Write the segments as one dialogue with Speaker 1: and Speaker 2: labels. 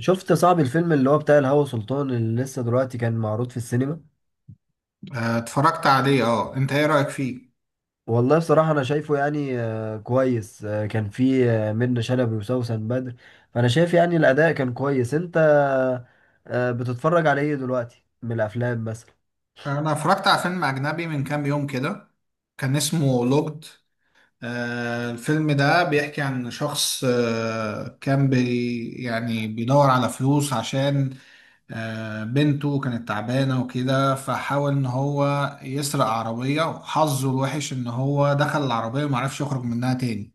Speaker 1: شفت صعب الفيلم اللي هو بتاع الهوى سلطان اللي لسه دلوقتي كان معروض في السينما.
Speaker 2: آه، اتفرجت عليه. اه انت ايه رأيك فيه؟
Speaker 1: والله بصراحة أنا شايفه يعني كويس. كان فيه منة شلبي وسوسن بدر. فأنا شايف يعني الأداء كان كويس. أنت بتتفرج على إيه دلوقتي من الأفلام مثلا؟
Speaker 2: انا اتفرجت على فيلم اجنبي من كام يوم كده. كان اسمه لوجد. الفيلم ده بيحكي عن شخص آه كان بي يعني بيدور على فلوس عشان بنته كانت تعبانة وكده، فحاول ان هو يسرق عربية، وحظه الوحش ان هو دخل العربية ومعرفش يخرج منها تاني.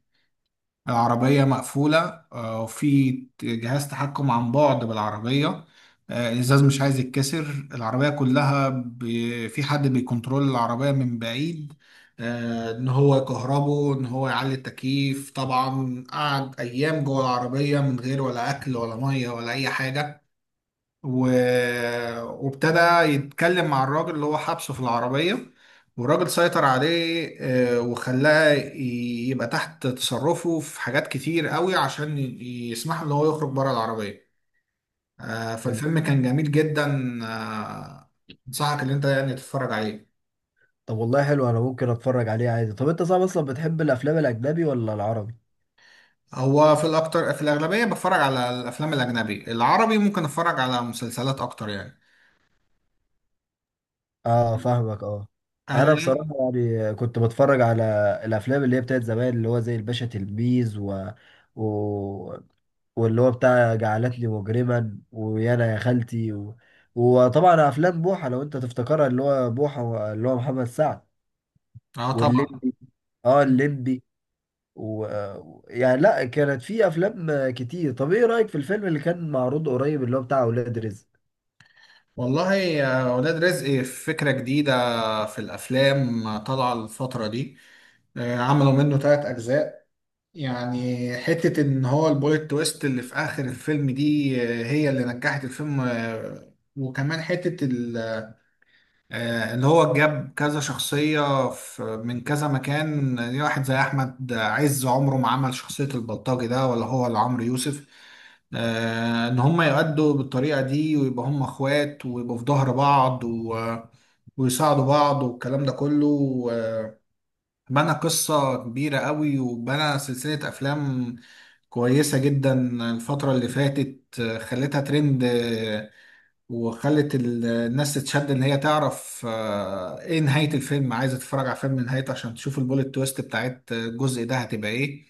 Speaker 2: العربية مقفولة، وفي جهاز تحكم عن بعد بالعربية. الإزاز مش عايز يتكسر، العربية كلها في حد بيكنترول العربية من بعيد. إن هو يكهربه، إن هو يعلي التكييف. طبعا قعد أيام جوه العربية من غير ولا أكل ولا مية ولا أي حاجة. و... وابتدى يتكلم مع الراجل اللي هو حبسه في العربية. والراجل سيطر عليه، وخلاه يبقى تحت تصرفه في حاجات كتير قوي عشان يسمح له ان هو يخرج بره العربية.
Speaker 1: طب
Speaker 2: فالفيلم كان جميل جدا. آه، انصحك ان انت يعني تتفرج عليه.
Speaker 1: طب والله حلو، أنا ممكن أتفرج عليه عادي. طب أنت صعب أصلا بتحب الأفلام الأجنبي ولا العربي؟
Speaker 2: هو في الاكتر في الاغلبية بتفرج على الافلام الاجنبي. العربي ممكن اتفرج على مسلسلات اكتر يعني.
Speaker 1: اه فاهمك اه.
Speaker 2: انا.
Speaker 1: انا بصراحه يعني كنت بتفرج على الافلام اللي هي بتاعت زمان، اللي هو زي الباشا تلميذ و... واللي هو بتاع جعلتني مجرما، ويانا يا خالتي، وطبعا افلام بوحه، لو انت تفتكرها اللي هو بوحه اللي هو محمد سعد
Speaker 2: اه طبعا.
Speaker 1: واللمبي. اه اللمبي و... يعني لا، كانت في افلام كتير. طب ايه رايك في الفيلم اللي كان معروض قريب اللي هو بتاع اولاد رزق؟
Speaker 2: والله يا ولاد رزق فكرة جديدة في الافلام طالعه الفتره دي. عملوا منه ثلاث اجزاء. يعني حته ان هو البوليت تويست اللي في اخر الفيلم دي هي اللي نجحت الفيلم. وكمان حته اللي هو جاب كذا شخصيه في من كذا مكان. يعني واحد زي احمد عز عمره ما عمل شخصيه البلطجي ده، ولا هو ولا عمرو يوسف. ان هم يؤدوا بالطريقه دي، ويبقى هم اخوات، ويبقوا في ظهر بعض، ويساعدوا بعض والكلام ده كله. بنى قصة كبيرة قوي، وبنى سلسلة أفلام كويسة جدا. الفترة اللي فاتت خلتها ترند. وخلت الناس تتشد إن هي تعرف إيه نهاية الفيلم. عايزة تتفرج على فيلم نهايته عشان تشوف البوليت تويست بتاعت الجزء ده هتبقى إيه.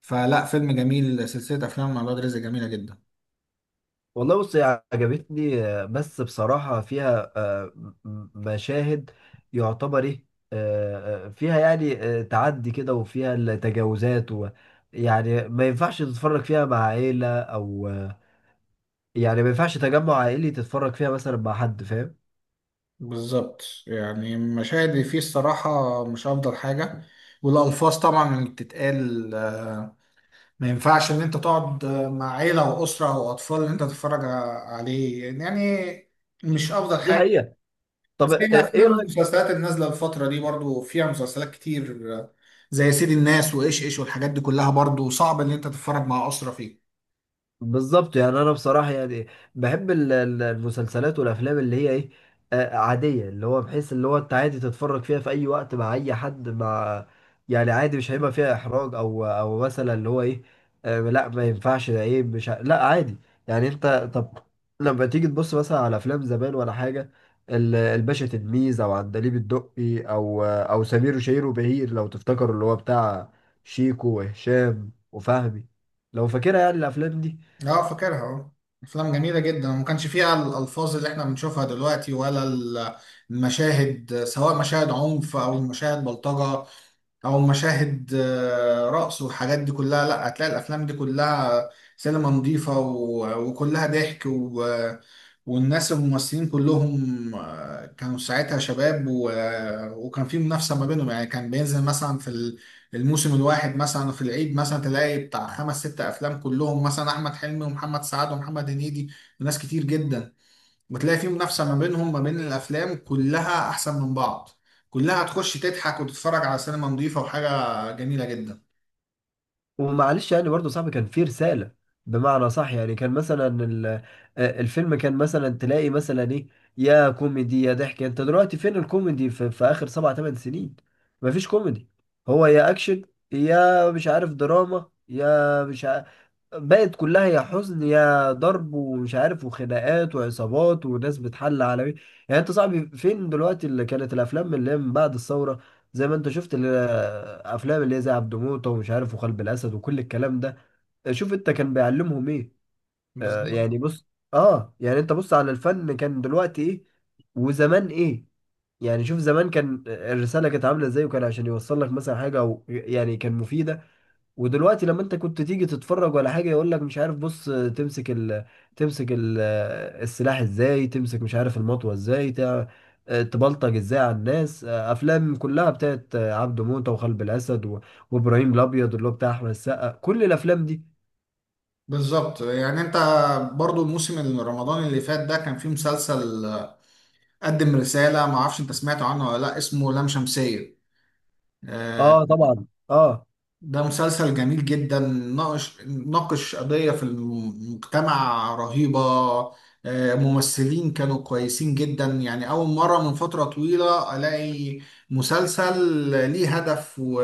Speaker 2: فلا، فيلم جميل. سلسلة أفلام مع الواد رزق جميلة جدا.
Speaker 1: والله بص هي عجبتني، بس بصراحة فيها مشاهد يعتبر ايه، فيها يعني تعدي كده وفيها التجاوزات و يعني ما ينفعش تتفرج فيها مع عيلة أو يعني ما ينفعش تجمع عائلي تتفرج فيها مثلا مع حد، فاهم؟
Speaker 2: بالظبط. يعني المشاهد اللي فيه الصراحة مش أفضل حاجة. والألفاظ طبعا اللي بتتقال. ما ينفعش ان انت تقعد مع عيلة واسرة واطفال ان انت تتفرج عليه. يعني مش افضل
Speaker 1: دي
Speaker 2: حاجة.
Speaker 1: حقيقة. طب
Speaker 2: زي
Speaker 1: ايه
Speaker 2: الافلام
Speaker 1: رأيك؟
Speaker 2: والمسلسلات النازلة الفترة دي برضو فيها مسلسلات كتير زي سيد الناس وايش ايش والحاجات دي كلها. برضو صعب ان انت تتفرج مع اسرة فيه.
Speaker 1: بالظبط يعني انا بصراحه يعني بحب المسلسلات والافلام اللي هي ايه، عاديه، اللي هو بحيث اللي هو انت عادي تتفرج فيها في اي وقت مع اي حد مع يعني عادي، مش هيبقى فيها احراج او او مثلا اللي هو ايه، لا ما ينفعش ده ايه مش لا عادي. يعني انت طب لما تيجي تبص مثلا على افلام زمان ولا حاجه، الباشا تلميذ او عندليب الدقي او او سمير وشهير وبهير، لو تفتكروا اللي هو بتاع شيكو وهشام وفهمي، لو فاكرها يعني الافلام دي.
Speaker 2: اه، فاكرها. اه، افلام جميلة جدا، وما كانش فيها الالفاظ اللي احنا بنشوفها دلوقتي، ولا المشاهد، سواء مشاهد عنف او مشاهد بلطجة او مشاهد رقص والحاجات دي كلها. لا، هتلاقي الافلام دي كلها سينما نظيفه وكلها ضحك والناس الممثلين كلهم كانوا ساعتها شباب وكان في منافسه ما بينهم. يعني كان بينزل مثلا في الموسم الواحد، مثلا في العيد، مثلا تلاقي بتاع خمس ست افلام، كلهم مثلا احمد حلمي ومحمد سعد ومحمد هنيدي وناس كتير جدا. وتلاقي في منافسة ما بينهم ما بين الأفلام كلها أحسن من بعض. كلها هتخش تضحك وتتفرج على سينما نظيفة وحاجة جميلة جدا.
Speaker 1: ومعلش يعني برضه صاحبي كان فيه رسالة، بمعنى صح. يعني كان مثلا الفيلم كان مثلا تلاقي مثلا ايه، يا كوميدي يا ضحك. انت دلوقتي فين الكوميدي في، في اخر سبع ثمان سنين؟ مفيش كوميدي. هو يا اكشن يا مش عارف دراما يا مش عارف، بقت كلها يا حزن يا ضرب ومش عارف وخناقات وعصابات وناس بتحل على مين. يعني انت صاحبي فين دلوقتي اللي كانت الافلام اللي هي من بعد الثوره؟ زي ما انت شفت الافلام اللي هي زي عبد موته ومش عارف وقلب الاسد وكل الكلام ده، شوف انت كان بيعلمهم ايه. آه
Speaker 2: بالظبط،
Speaker 1: يعني بص، اه يعني انت بص على الفن كان دلوقتي ايه وزمان ايه. يعني شوف زمان كان الرساله كانت عامله ازاي، وكان عشان يوصل لك مثلا حاجه او يعني كان مفيده. ودلوقتي لما انت كنت تيجي تتفرج ولا حاجه يقول لك مش عارف بص تمسك تمسك ال... السلاح ازاي تمسك، مش عارف المطوه ازاي تبلطج ازاي على الناس. افلام كلها بتاعت عبده موته وخلب الاسد وابراهيم الابيض اللي هو بتاع احمد السقا، كل الافلام دي.
Speaker 2: بالظبط. يعني انت. برضو الموسم رمضان اللي فات ده كان فيه مسلسل قدم رسالة. ما اعرفش انت سمعت عنه ولا لا، اسمه لام شمسية. آه،
Speaker 1: اه طبعا اه.
Speaker 2: ده مسلسل جميل جدا، ناقش قضية في المجتمع رهيبة. ممثلين كانوا كويسين جدا. يعني أول مرة من فترة طويلة ألاقي مسلسل ليه هدف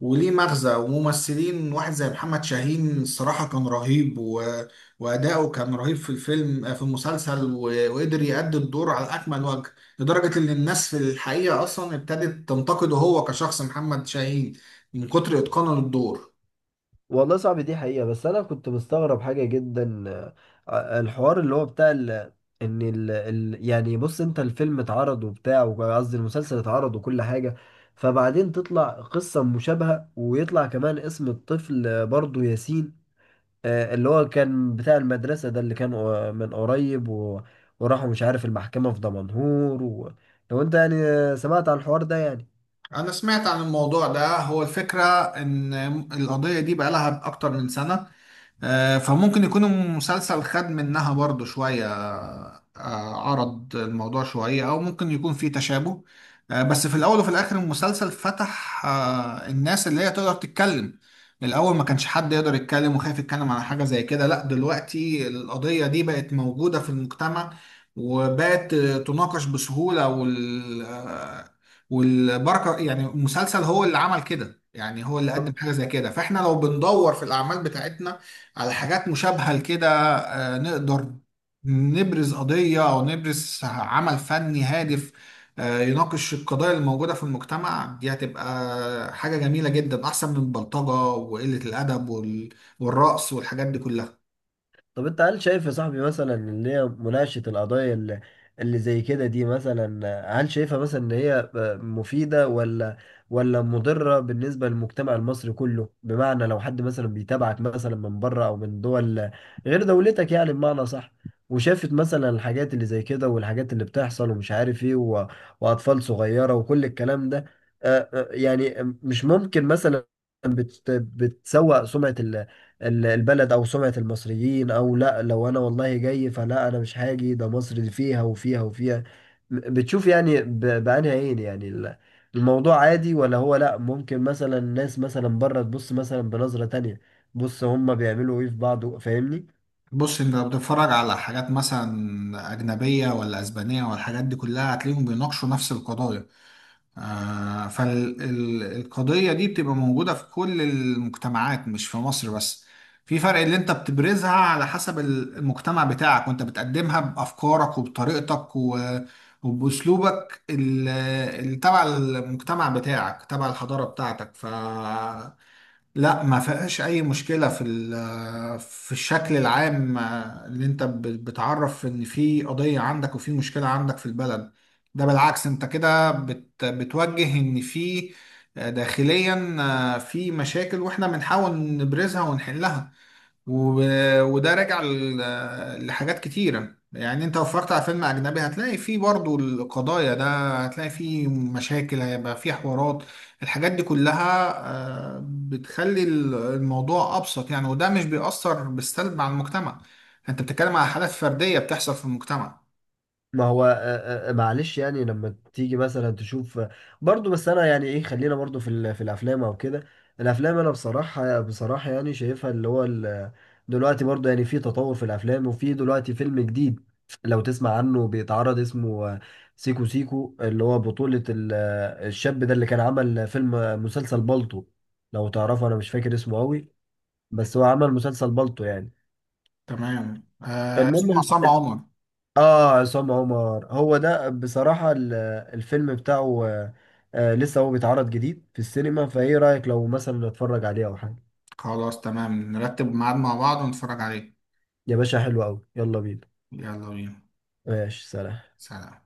Speaker 2: وليه مغزى. وممثلين واحد زي محمد شاهين الصراحة كان رهيب وأداؤه كان رهيب في الفيلم، في المسلسل، وقدر يأدي الدور على أكمل وجه. لدرجة إن الناس في الحقيقة أصلا ابتدت تنتقده هو كشخص محمد شاهين من كتر إتقانه للدور.
Speaker 1: والله صعب دي حقيقة. بس أنا كنت مستغرب حاجة جدا، الحوار اللي هو بتاع إن يعني بص أنت الفيلم اتعرض وبتاع، قصدي المسلسل اتعرض وكل حاجة، فبعدين تطلع قصة مشابهة ويطلع كمان اسم الطفل برضه ياسين، اللي هو كان بتاع المدرسة ده اللي كان من قريب وراحوا مش عارف المحكمة في دمنهور لو أنت يعني سمعت عن الحوار ده يعني.
Speaker 2: أنا سمعت عن الموضوع ده. هو الفكرة إن القضية دي بقالها أكتر من سنة. فممكن يكون المسلسل خد منها برضو شوية. عرض الموضوع شوية، أو ممكن يكون فيه تشابه. بس في الأول وفي الآخر المسلسل فتح الناس اللي هي تقدر تتكلم. الأول ما كانش حد يقدر يتكلم وخايف يتكلم على حاجة زي كده. لا، دلوقتي القضية دي بقت موجودة في المجتمع، وبقت تناقش بسهولة. والبركة يعني المسلسل هو اللي عمل كده. يعني هو اللي قدم حاجة زي كده. فاحنا لو بندور في الأعمال بتاعتنا على حاجات مشابهة لكده نقدر نبرز قضية أو نبرز عمل فني هادف يناقش القضايا الموجودة في المجتمع. دي هتبقى حاجة جميلة جدا، أحسن من البلطجة وقلة الأدب والرقص والحاجات دي كلها.
Speaker 1: طب انت هل شايف يا صاحبي مثلا ان هي مناقشة القضايا اللي، اللي زي كده دي مثلا، هل شايفها مثلا ان هي مفيدة ولا ولا مضرة بالنسبة للمجتمع المصري كله؟ بمعنى لو حد مثلا بيتابعك مثلا من بره او من دول غير دولتك، يعني بمعنى صح، وشافت مثلا الحاجات اللي زي كده والحاجات اللي بتحصل ومش عارف ايه واطفال صغيرة وكل الكلام ده، اه، يعني مش ممكن مثلا بتسوء سمعة البلد او سمعة المصريين؟ او لا لو انا والله جاي فلا انا مش هاجي، ده مصر دي فيها وفيها وفيها. بتشوف يعني بأنهي عين يعني الموضوع عادي، ولا هو لا ممكن مثلا الناس مثلا بره تبص مثلا بنظرة تانية بص هما بيعملوا ايه في بعض، فاهمني؟
Speaker 2: بص انت لو بتتفرج على حاجات مثلا أجنبية ولا أسبانية والحاجات دي كلها، هتلاقيهم بيناقشوا نفس القضايا. فالقضية دي بتبقى موجودة في كل المجتمعات، مش في مصر بس. في فرق اللي انت بتبرزها على حسب المجتمع بتاعك، وانت بتقدمها بأفكارك وبطريقتك وبأسلوبك اللي تبع المجتمع بتاعك، تبع الحضارة بتاعتك. ف. لا، ما فيهاش اي مشكله في في الشكل العام. اللي انت بتعرف ان في قضيه عندك وفي مشكله عندك في البلد. ده بالعكس. انت كده بتوجه ان في، داخليا، في مشاكل، واحنا بنحاول نبرزها ونحلها وب... وده راجع لحاجات كتيرة. يعني انت لو اتفرجت على فيلم اجنبي هتلاقي فيه برضو القضايا ده، هتلاقي فيه مشاكل، هيبقى فيه حوارات، الحاجات دي كلها بتخلي الموضوع ابسط يعني. وده مش بيأثر بالسلب على المجتمع. انت بتتكلم على حالات فردية بتحصل في المجتمع.
Speaker 1: ما هو معلش يعني لما تيجي مثلا تشوف برضو، بس انا يعني ايه خلينا برضو في في الافلام او كده. الافلام انا بصراحة يعني شايفها اللي هو دلوقتي برضو يعني في تطور في الافلام، وفي دلوقتي فيلم جديد لو تسمع عنه بيتعرض اسمه سيكو سيكو، اللي هو بطولة الشاب ده اللي كان عمل فيلم مسلسل بالطو، لو تعرفه. انا مش فاكر اسمه قوي، بس هو عمل مسلسل بالطو يعني،
Speaker 2: تمام. اسمه
Speaker 1: المهم.
Speaker 2: عصام عمر.
Speaker 1: اه عصام عمر، هو ده بصراحة الفيلم بتاعه، لسه هو بيتعرض جديد في السينما، فايه رأيك لو مثلا نتفرج عليه او حاجة؟
Speaker 2: خلاص، تمام، نرتب ميعاد مع بعض ونتفرج عليه.
Speaker 1: يا باشا حلو قوي، يلا بينا.
Speaker 2: يلا بينا.
Speaker 1: ماشي سلام.
Speaker 2: سلام.